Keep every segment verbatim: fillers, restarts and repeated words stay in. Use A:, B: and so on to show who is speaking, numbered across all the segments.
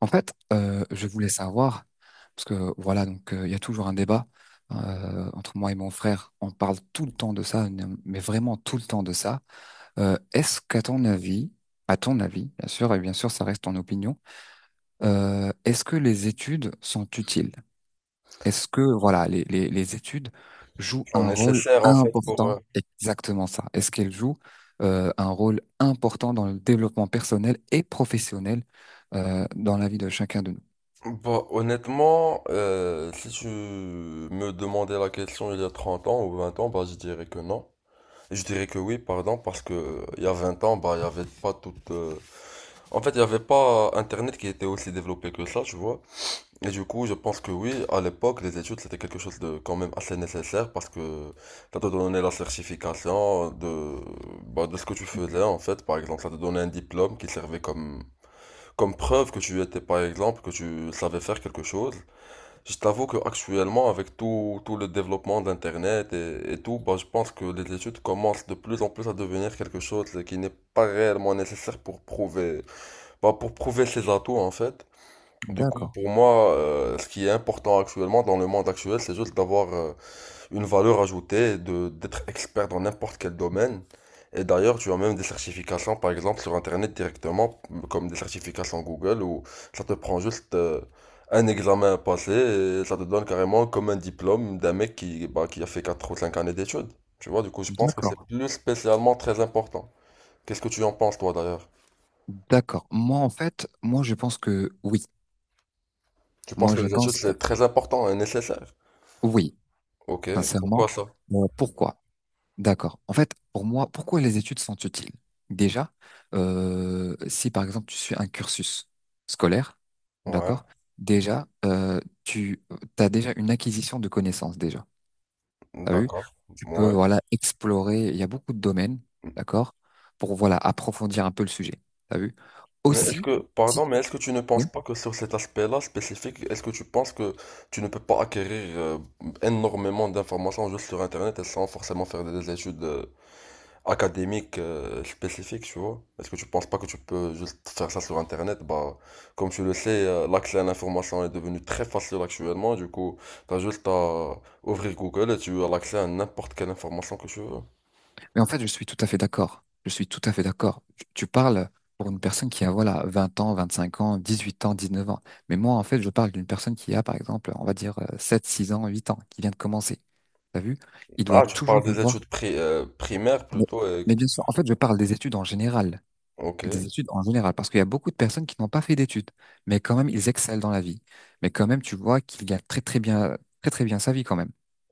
A: En fait, euh, je voulais savoir, parce que voilà, donc euh, il y a toujours un débat euh, entre moi et mon frère. On parle tout le temps de ça, mais vraiment tout le temps de ça. Euh, est-ce qu'à ton avis, à ton avis, bien sûr, et bien sûr, ça reste ton opinion, euh, est-ce que les études sont utiles? Est-ce que voilà, les, les, les études jouent
B: En
A: un rôle
B: nécessaire en fait pour euh,
A: important? Exactement ça. Est-ce qu'elles jouent euh, un rôle important dans le développement personnel et professionnel euh, dans la vie de chacun de nous?
B: bah, honnêtement euh, si tu me demandais la question il y a trente ans ou vingt ans, bah je dirais que non. Je dirais que oui, pardon, parce que euh, il y a vingt ans, bah il y avait pas toute euh, en fait il y avait pas internet qui était aussi développé que ça, tu vois. Et du coup je pense que oui, à l'époque les études c'était quelque chose de quand même assez nécessaire, parce que ça te donnait la certification de, bah, de ce que tu faisais en fait. Par exemple ça te donnait un diplôme qui servait comme comme preuve que tu étais, par exemple, que tu savais faire quelque chose. Je t'avoue qu'actuellement, avec tout, tout le développement d'Internet et, et tout, bah, je pense que les études commencent de plus en plus à devenir quelque chose qui n'est pas réellement nécessaire pour prouver, bah, pour prouver ses atouts, en fait. Du coup,
A: D'accord.
B: pour moi, euh, ce qui est important actuellement dans le monde actuel, c'est juste d'avoir, euh, une valeur ajoutée, de d'être expert dans n'importe quel domaine. Et d'ailleurs, tu as même des certifications, par exemple, sur Internet directement, comme des certifications Google, où ça te prend juste euh, un examen à passer, et ça te donne carrément comme un diplôme d'un mec qui, bah, qui a fait quatre ou cinq années d'études. Tu vois, du coup, je pense que c'est
A: D'accord,
B: plus spécialement très important. Qu'est-ce que tu en penses, toi, d'ailleurs?
A: d'accord. Moi, en fait, moi, je pense que oui.
B: Tu penses
A: Moi,
B: que
A: je
B: les études,
A: pense que
B: c'est très important et nécessaire?
A: oui,
B: Ok,
A: sincèrement.
B: pourquoi ça?
A: Euh, pourquoi? D'accord. En fait, pour moi, pourquoi les études sont utiles? Déjà, euh, si par exemple tu suis un cursus scolaire,
B: Ouais,
A: d'accord, déjà, euh, tu as déjà une acquisition de connaissances, déjà. T'as vu?
B: d'accord.
A: Tu peux,
B: Ouais.
A: voilà, explorer. Il y a beaucoup de domaines, d'accord, pour, voilà, approfondir un peu le sujet. T'as vu?
B: Mais est-ce
A: Aussi,
B: que, pardon,
A: si-
B: mais est-ce que tu ne penses
A: oui.
B: pas que sur cet aspect-là spécifique, est-ce que tu penses que tu ne peux pas acquérir euh, énormément d'informations juste sur Internet et sans forcément faire des études euh, académiques euh, spécifiques, tu vois? Est-ce que tu penses pas que tu peux juste faire ça sur Internet? Bah, comme tu le sais, euh, l'accès à l'information est devenu très facile actuellement, du coup, t'as juste à ouvrir Google et tu as l'accès à n'importe quelle information que tu veux.
A: Mais en fait, je suis tout à fait d'accord. Je suis tout à fait d'accord. Tu, tu parles pour une personne qui a, voilà, vingt ans, vingt-cinq ans, dix-huit ans, dix-neuf ans. Mais moi, en fait, je parle d'une personne qui a, par exemple, on va dire euh, sept, six ans, huit ans, qui vient de commencer. T'as vu? Il doit
B: Ah, tu
A: toujours
B: parles
A: y
B: des
A: voir.
B: études pri- euh, primaires
A: Mais,
B: plutôt, et...
A: mais bien sûr, en fait, je parle des études en général
B: Ok,
A: des études en général, parce qu'il y a beaucoup de personnes qui n'ont pas fait d'études, mais quand même, ils excellent dans la vie. Mais quand même, tu vois qu'il gagne très très bien, très très bien sa vie quand même.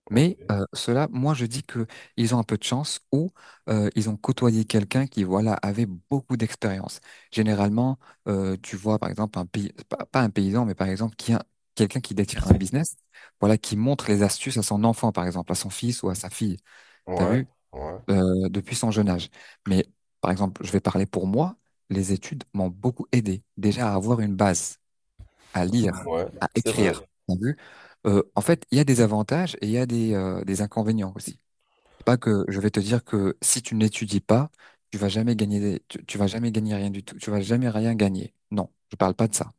A: Mais
B: ok,
A: euh, ceux-là, moi, je dis que ils ont un peu de chance ou euh, ils ont côtoyé quelqu'un qui, voilà, avait beaucoup d'expérience. Généralement, euh, tu vois, par exemple, un pays, pas, pas un paysan, mais par exemple, qui a quelqu'un qui détient un business, voilà, qui montre les astuces à son enfant, par exemple, à son fils ou à sa fille. T'as
B: ouais.
A: vu?
B: Ouais.
A: euh, depuis son jeune âge. Mais par exemple, je vais parler pour moi, les études m'ont beaucoup aidé déjà à avoir une base, à lire,
B: Ouais,
A: à
B: c'est vrai.
A: écrire. T'as vu? Euh, en fait, il y a des avantages et il y a des, euh, des inconvénients aussi. C'est pas que je vais te dire que si tu n'étudies pas, tu vas jamais gagner, des- tu, tu vas jamais gagner rien du tout, tu vas jamais rien gagner. Non, je parle pas de ça.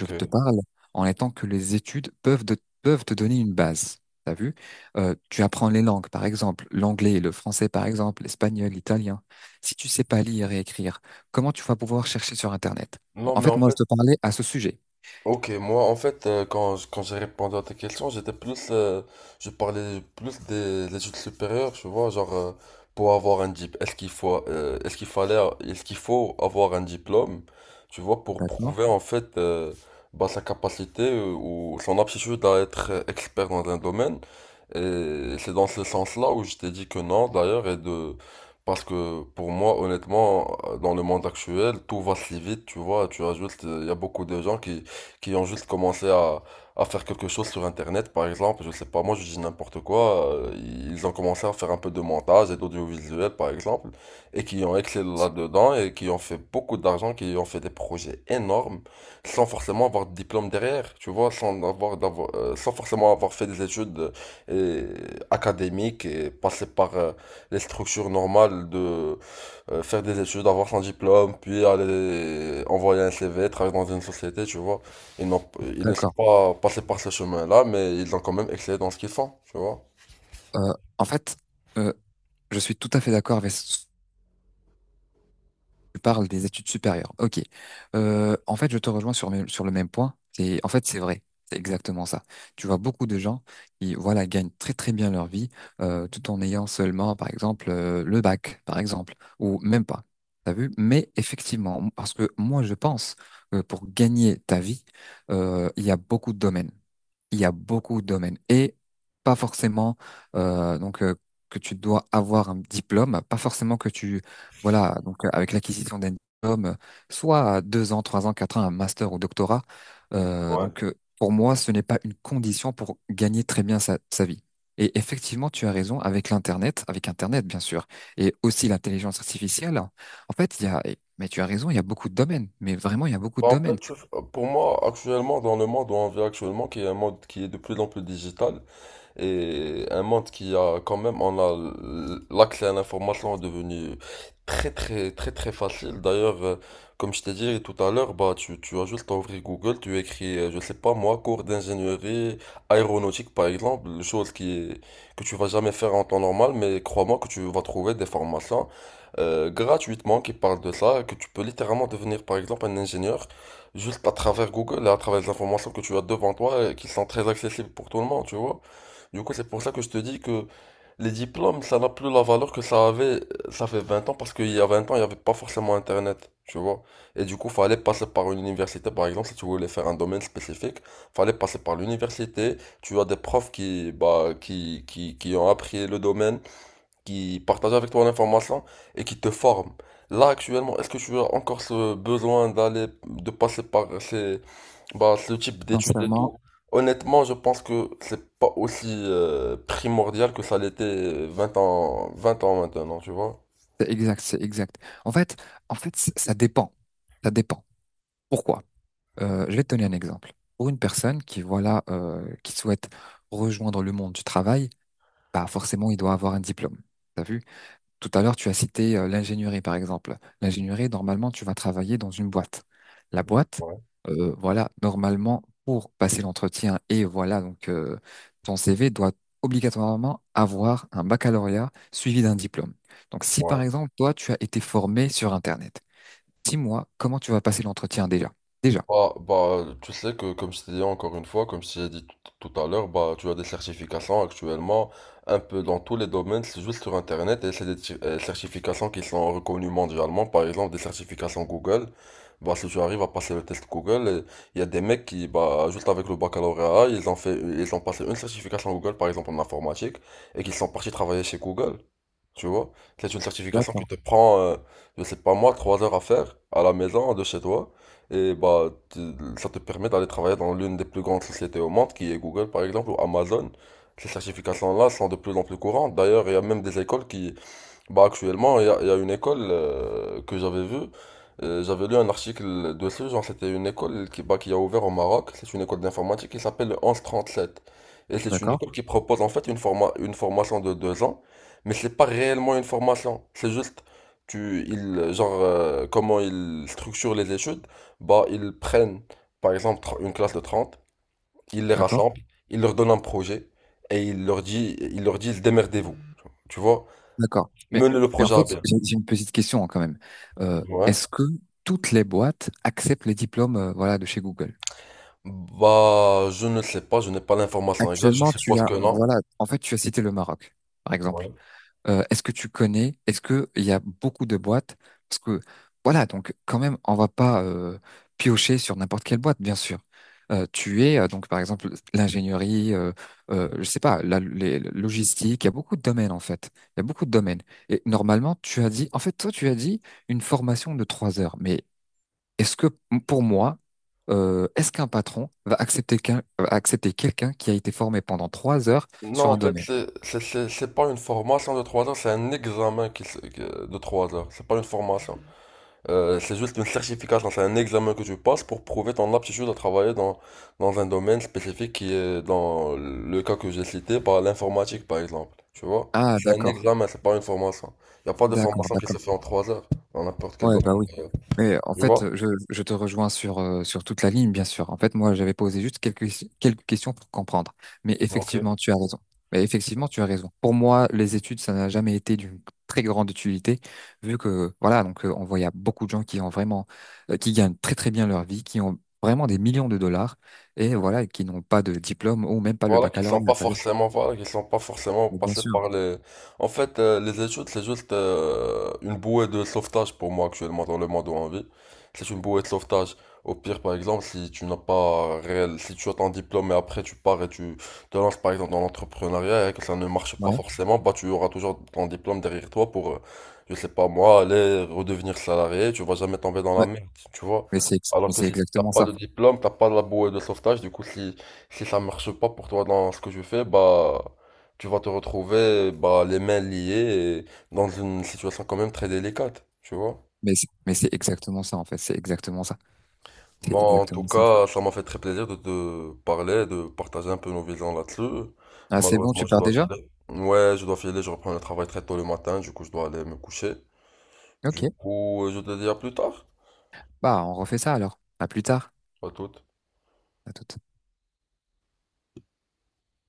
A: Je te parle en étant que les études peuvent, de- peuvent te donner une base. T'as vu? Euh, tu apprends les langues, par exemple, l'anglais, le français, par exemple, l'espagnol, l'italien. Si tu sais pas lire et écrire, comment tu vas pouvoir chercher sur Internet? Bon,
B: Non,
A: en
B: mais
A: fait,
B: en
A: moi,
B: fait,
A: je te parlais à ce sujet.
B: ok, moi en fait euh, quand, je- quand j'ai répondu à ta question, j'étais plus euh, je parlais plus des des études supérieures, tu vois, genre euh, pour avoir un diplôme, est-ce qu'il faut euh, est-ce qu'il fallait est-ce qu'il faut avoir un diplôme, tu vois, pour
A: D'accord?
B: prouver en fait euh, bah, sa capacité euh, ou son aptitude à être euh, expert dans un domaine. Et c'est dans ce sens-là où je t'ai dit que non d'ailleurs et de parce que pour moi, honnêtement, euh, dans le monde actuel, tout va si vite, tu vois. Tu as juste, il y a beaucoup de gens qui, qui ont juste commencé à, à faire quelque chose sur Internet, par exemple, je sais pas, moi je dis n'importe quoi, euh, ils ont commencé à faire un peu de montage et d'audiovisuel, par exemple, et qui ont excellé là-dedans et qui ont fait beaucoup d'argent, qui ont fait des projets énormes, sans forcément avoir de diplôme derrière, tu vois, sans avoir, d'avoir, euh, sans forcément avoir fait des études euh, et académiques et passer par euh, les structures normales de euh, faire des études, avoir son diplôme, puis aller envoyer un C V, travailler dans une société, tu vois. Ils n'ont, ils ne sont
A: D'accord.
B: pas passés par ce chemin-là, mais ils ont quand même excellé dans ce qu'ils font, tu vois.
A: Euh, en fait, euh, je suis tout à fait d'accord. avec Tu parles des études supérieures. Ok. Euh, en fait, je te rejoins sur, mes- sur le même point. C'est, en fait, c'est vrai. C'est exactement ça. Tu vois beaucoup de gens qui, voilà, gagnent très très bien leur vie euh, tout en ayant seulement, par exemple, euh, le bac, par exemple, ou même pas. T'as vu? Mais effectivement, parce que moi, je pense que pour gagner ta vie, euh, il y a beaucoup de domaines il y a beaucoup de domaines et pas forcément euh, donc euh, que tu dois avoir un diplôme, pas forcément que tu voilà donc euh, avec l'acquisition d'un diplôme, euh, soit à deux ans, trois ans, quatre ans, un master ou doctorat. Euh,
B: Ouais.
A: donc euh, pour moi, ce n'est pas une condition pour gagner très bien sa, sa vie. Et effectivement, tu as raison avec l'internet, avec internet bien sûr, et aussi l'intelligence artificielle. En fait, il y a mais tu as raison, il y a beaucoup de domaines, mais vraiment il y a beaucoup de
B: Bah, en
A: domaines.
B: fait, je- pour moi, actuellement, dans le monde où on vit actuellement, qui est un monde qui est de plus en plus digital, et un monde qui a quand même, on a l'accès à l'information est devenu très très très très facile. D'ailleurs, euh, comme je t'ai dit tout à l'heure, bah tu, tu as juste à ouvrir Google, tu écris, euh, je sais pas moi, cours d'ingénierie aéronautique par exemple, chose qui est- que tu vas jamais faire en temps normal, mais crois-moi que tu vas trouver des formations euh, gratuitement qui parlent de ça, que tu peux littéralement devenir par exemple un ingénieur juste à travers Google et à travers les informations que tu as devant toi et qui sont très accessibles pour tout le monde, tu vois. Du coup, c'est pour ça que je te dis que les diplômes, ça n'a plus la valeur que ça avait, ça fait vingt ans, parce qu'il y a vingt ans, il n'y avait pas forcément Internet, tu vois. Et du coup, fallait passer par une université, par exemple, si tu voulais faire un domaine spécifique, fallait passer par l'université. Tu as des profs qui, bah, qui, qui, qui ont appris le domaine, qui partagent avec toi l'information et qui te forment. Là, actuellement, est-ce que tu as encore ce besoin d'aller, de passer par ces, bah, ce type d'études et
A: Sincèrement.
B: tout, honnêtement, je pense que c'est pas aussi euh, primordial que ça l'était euh, vingt ans, vingt ans maintenant, tu vois.
A: C'est exact, c'est exact. En fait, en fait, c- ça dépend. Ça dépend. Pourquoi? Euh, je vais te donner un exemple. Pour une personne qui, voilà, euh, qui souhaite rejoindre le monde du travail, bah forcément, il doit avoir un diplôme. T'as vu? Tout à l'heure, tu as cité euh, l'ingénierie, par exemple. L'ingénierie, normalement, tu vas travailler dans une boîte. La boîte,
B: Ouais,
A: euh, voilà, normalement, pour passer l'entretien et voilà, donc euh, ton C V doit obligatoirement avoir un baccalauréat suivi d'un diplôme. Donc, si
B: ouais.
A: par exemple, toi, tu as été formé sur Internet, dis-moi comment tu vas passer l'entretien déjà. Déjà.
B: Bah, bah, tu sais que, comme je t'ai dit encore une fois, comme je t'ai dit tout tout à l'heure, bah, tu as des certifications actuellement, un peu dans tous les domaines, c'est juste sur Internet, et c'est des ti- euh, certifications qui sont reconnues mondialement, par exemple des certifications Google. Bah, si tu arrives à passer le test Google, euh, il y a des mecs qui, bah, juste avec le baccalauréat, ils ont fait, ils ont passé une certification Google, par exemple en informatique, et qui sont partis travailler chez Google. Tu vois, c'est une certification qui
A: D'accord.
B: te prend, euh, je sais pas moi, trois heures à faire à la maison, de chez toi. Et bah, tu- ça te permet d'aller travailler dans l'une des plus grandes sociétés au monde, qui est Google par exemple, ou Amazon. Ces certifications-là sont de plus en plus courantes. D'ailleurs, il y a même des écoles qui, bah actuellement, il y a, il y a une école euh, que j'avais vue. Euh, j'avais lu un article dessus, genre c'était une école qui, bah, qui a ouvert au Maroc. C'est une école d'informatique qui s'appelle le sept. Et c'est une
A: D'accord.
B: école qui propose en fait une forma- une formation de deux ans, mais c'est pas réellement une formation. C'est juste tu ils genre euh, comment ils structurent les études. Bah ils prennent par exemple tr- une classe de trente, ils les
A: D'accord.
B: rassemblent, ils leur donnent un projet et ils leur dit ils leur disent démerdez-vous. Tu vois?
A: D'accord. Mais,
B: Menez le
A: mais en
B: projet à
A: fait,
B: bien.
A: j'ai j'ai une petite question hein, quand même. Euh,
B: Ouais.
A: est-ce que toutes les boîtes acceptent les diplômes, euh, voilà, de chez Google?
B: Bah, je ne sais pas, je n'ai pas l'information exacte, je
A: Actuellement, tu
B: suppose
A: as,
B: que non.
A: voilà, en fait, tu as cité le Maroc, par exemple. Euh, est-ce que tu connais, est-ce que il y a beaucoup de boîtes? Parce que, voilà, donc quand même, on va pas euh, piocher sur n'importe quelle boîte, bien sûr. Euh, tu es euh, donc, par exemple, l'ingénierie, euh, euh, je sais pas, la, les la logistique. Il y a beaucoup de domaines en fait. Il y a beaucoup de domaines. Et normalement, tu as dit, en fait, toi, tu as dit une formation de trois heures. Mais est-ce que pour moi, euh, est-ce qu'un patron va accepter qu'un- va accepter quelqu'un qui a été formé pendant trois heures
B: Non,
A: sur
B: en
A: un
B: fait,
A: domaine?
B: c'est c'est- c'est- c'est pas une formation de trois heures, c'est un examen qui, se- que- de trois heures. C'est pas une formation. Euh, c'est juste une certification, c'est un examen que tu passes pour prouver ton aptitude à travailler dans, dans un domaine spécifique qui est, dans le cas que j'ai cité, par l'informatique par exemple. Tu vois?
A: Ah,
B: C'est un
A: d'accord,
B: examen, c'est pas une formation. Il n'y a pas de
A: d'accord,
B: formation qui se
A: d'accord.
B: fait en trois heures, dans n'importe quel
A: Ouais, bah
B: domaine.
A: oui.
B: D'ailleurs.
A: Mais en
B: Tu vois?
A: fait, je, je te rejoins sur, euh, sur toute la ligne, bien sûr. En fait, moi, j'avais posé juste quelques, quelques questions pour comprendre. Mais
B: Ok.
A: effectivement, tu as raison. Mais effectivement, tu as raison. Pour moi, les études, ça n'a jamais été d'une très grande utilité, vu que, voilà, donc, euh, on voit, il y a beaucoup de gens qui ont vraiment, euh, qui gagnent très, très bien leur vie, qui ont vraiment des millions de dollars, et voilà, qui n'ont pas de diplôme ou même pas le
B: Voilà, qui sont
A: baccalauréat,
B: pas
A: vous savez.
B: forcément, voilà, qui sont pas forcément
A: Mais bien
B: passés
A: sûr.
B: par les. En fait, euh, les études, c'est juste euh, une bouée de sauvetage pour moi actuellement dans le monde où on vit. C'est une bouée de sauvetage. Au pire, par exemple, si tu n'as pas réel, si tu as ton diplôme et après tu pars et tu te lances par exemple dans l'entrepreneuriat et que ça ne marche pas
A: Ouais.
B: forcément, bah tu auras toujours ton diplôme derrière toi pour, euh, je sais pas moi, aller redevenir salarié. Tu vas jamais tomber dans la
A: Ouais.
B: merde, tu vois.
A: Mais c'est, ex-
B: Alors
A: mais
B: que
A: c'est
B: si t'as
A: exactement
B: pas
A: ça.
B: de diplôme, t'as pas la bouée de sauvetage. Du coup, si si ça marche pas pour toi dans ce que je fais, bah tu vas te retrouver bah, les mains liées et dans une situation quand même très délicate, tu vois.
A: Mais c'est mais c'est exactement ça, en fait. C'est exactement ça. C'est
B: Bon, en tout
A: exactement ça.
B: cas, ça m'a fait très plaisir de te parler, de partager un peu nos visions là-dessus.
A: Ah, c'est bon, tu
B: Malheureusement, je
A: pars
B: dois
A: déjà?
B: filer. Ouais, je dois filer, je reprends le travail très tôt le matin, du coup, je dois aller me coucher.
A: Ok.
B: Du coup, je te dis à plus tard.
A: Bah, on refait ça alors. À plus tard.
B: À toute.
A: À tout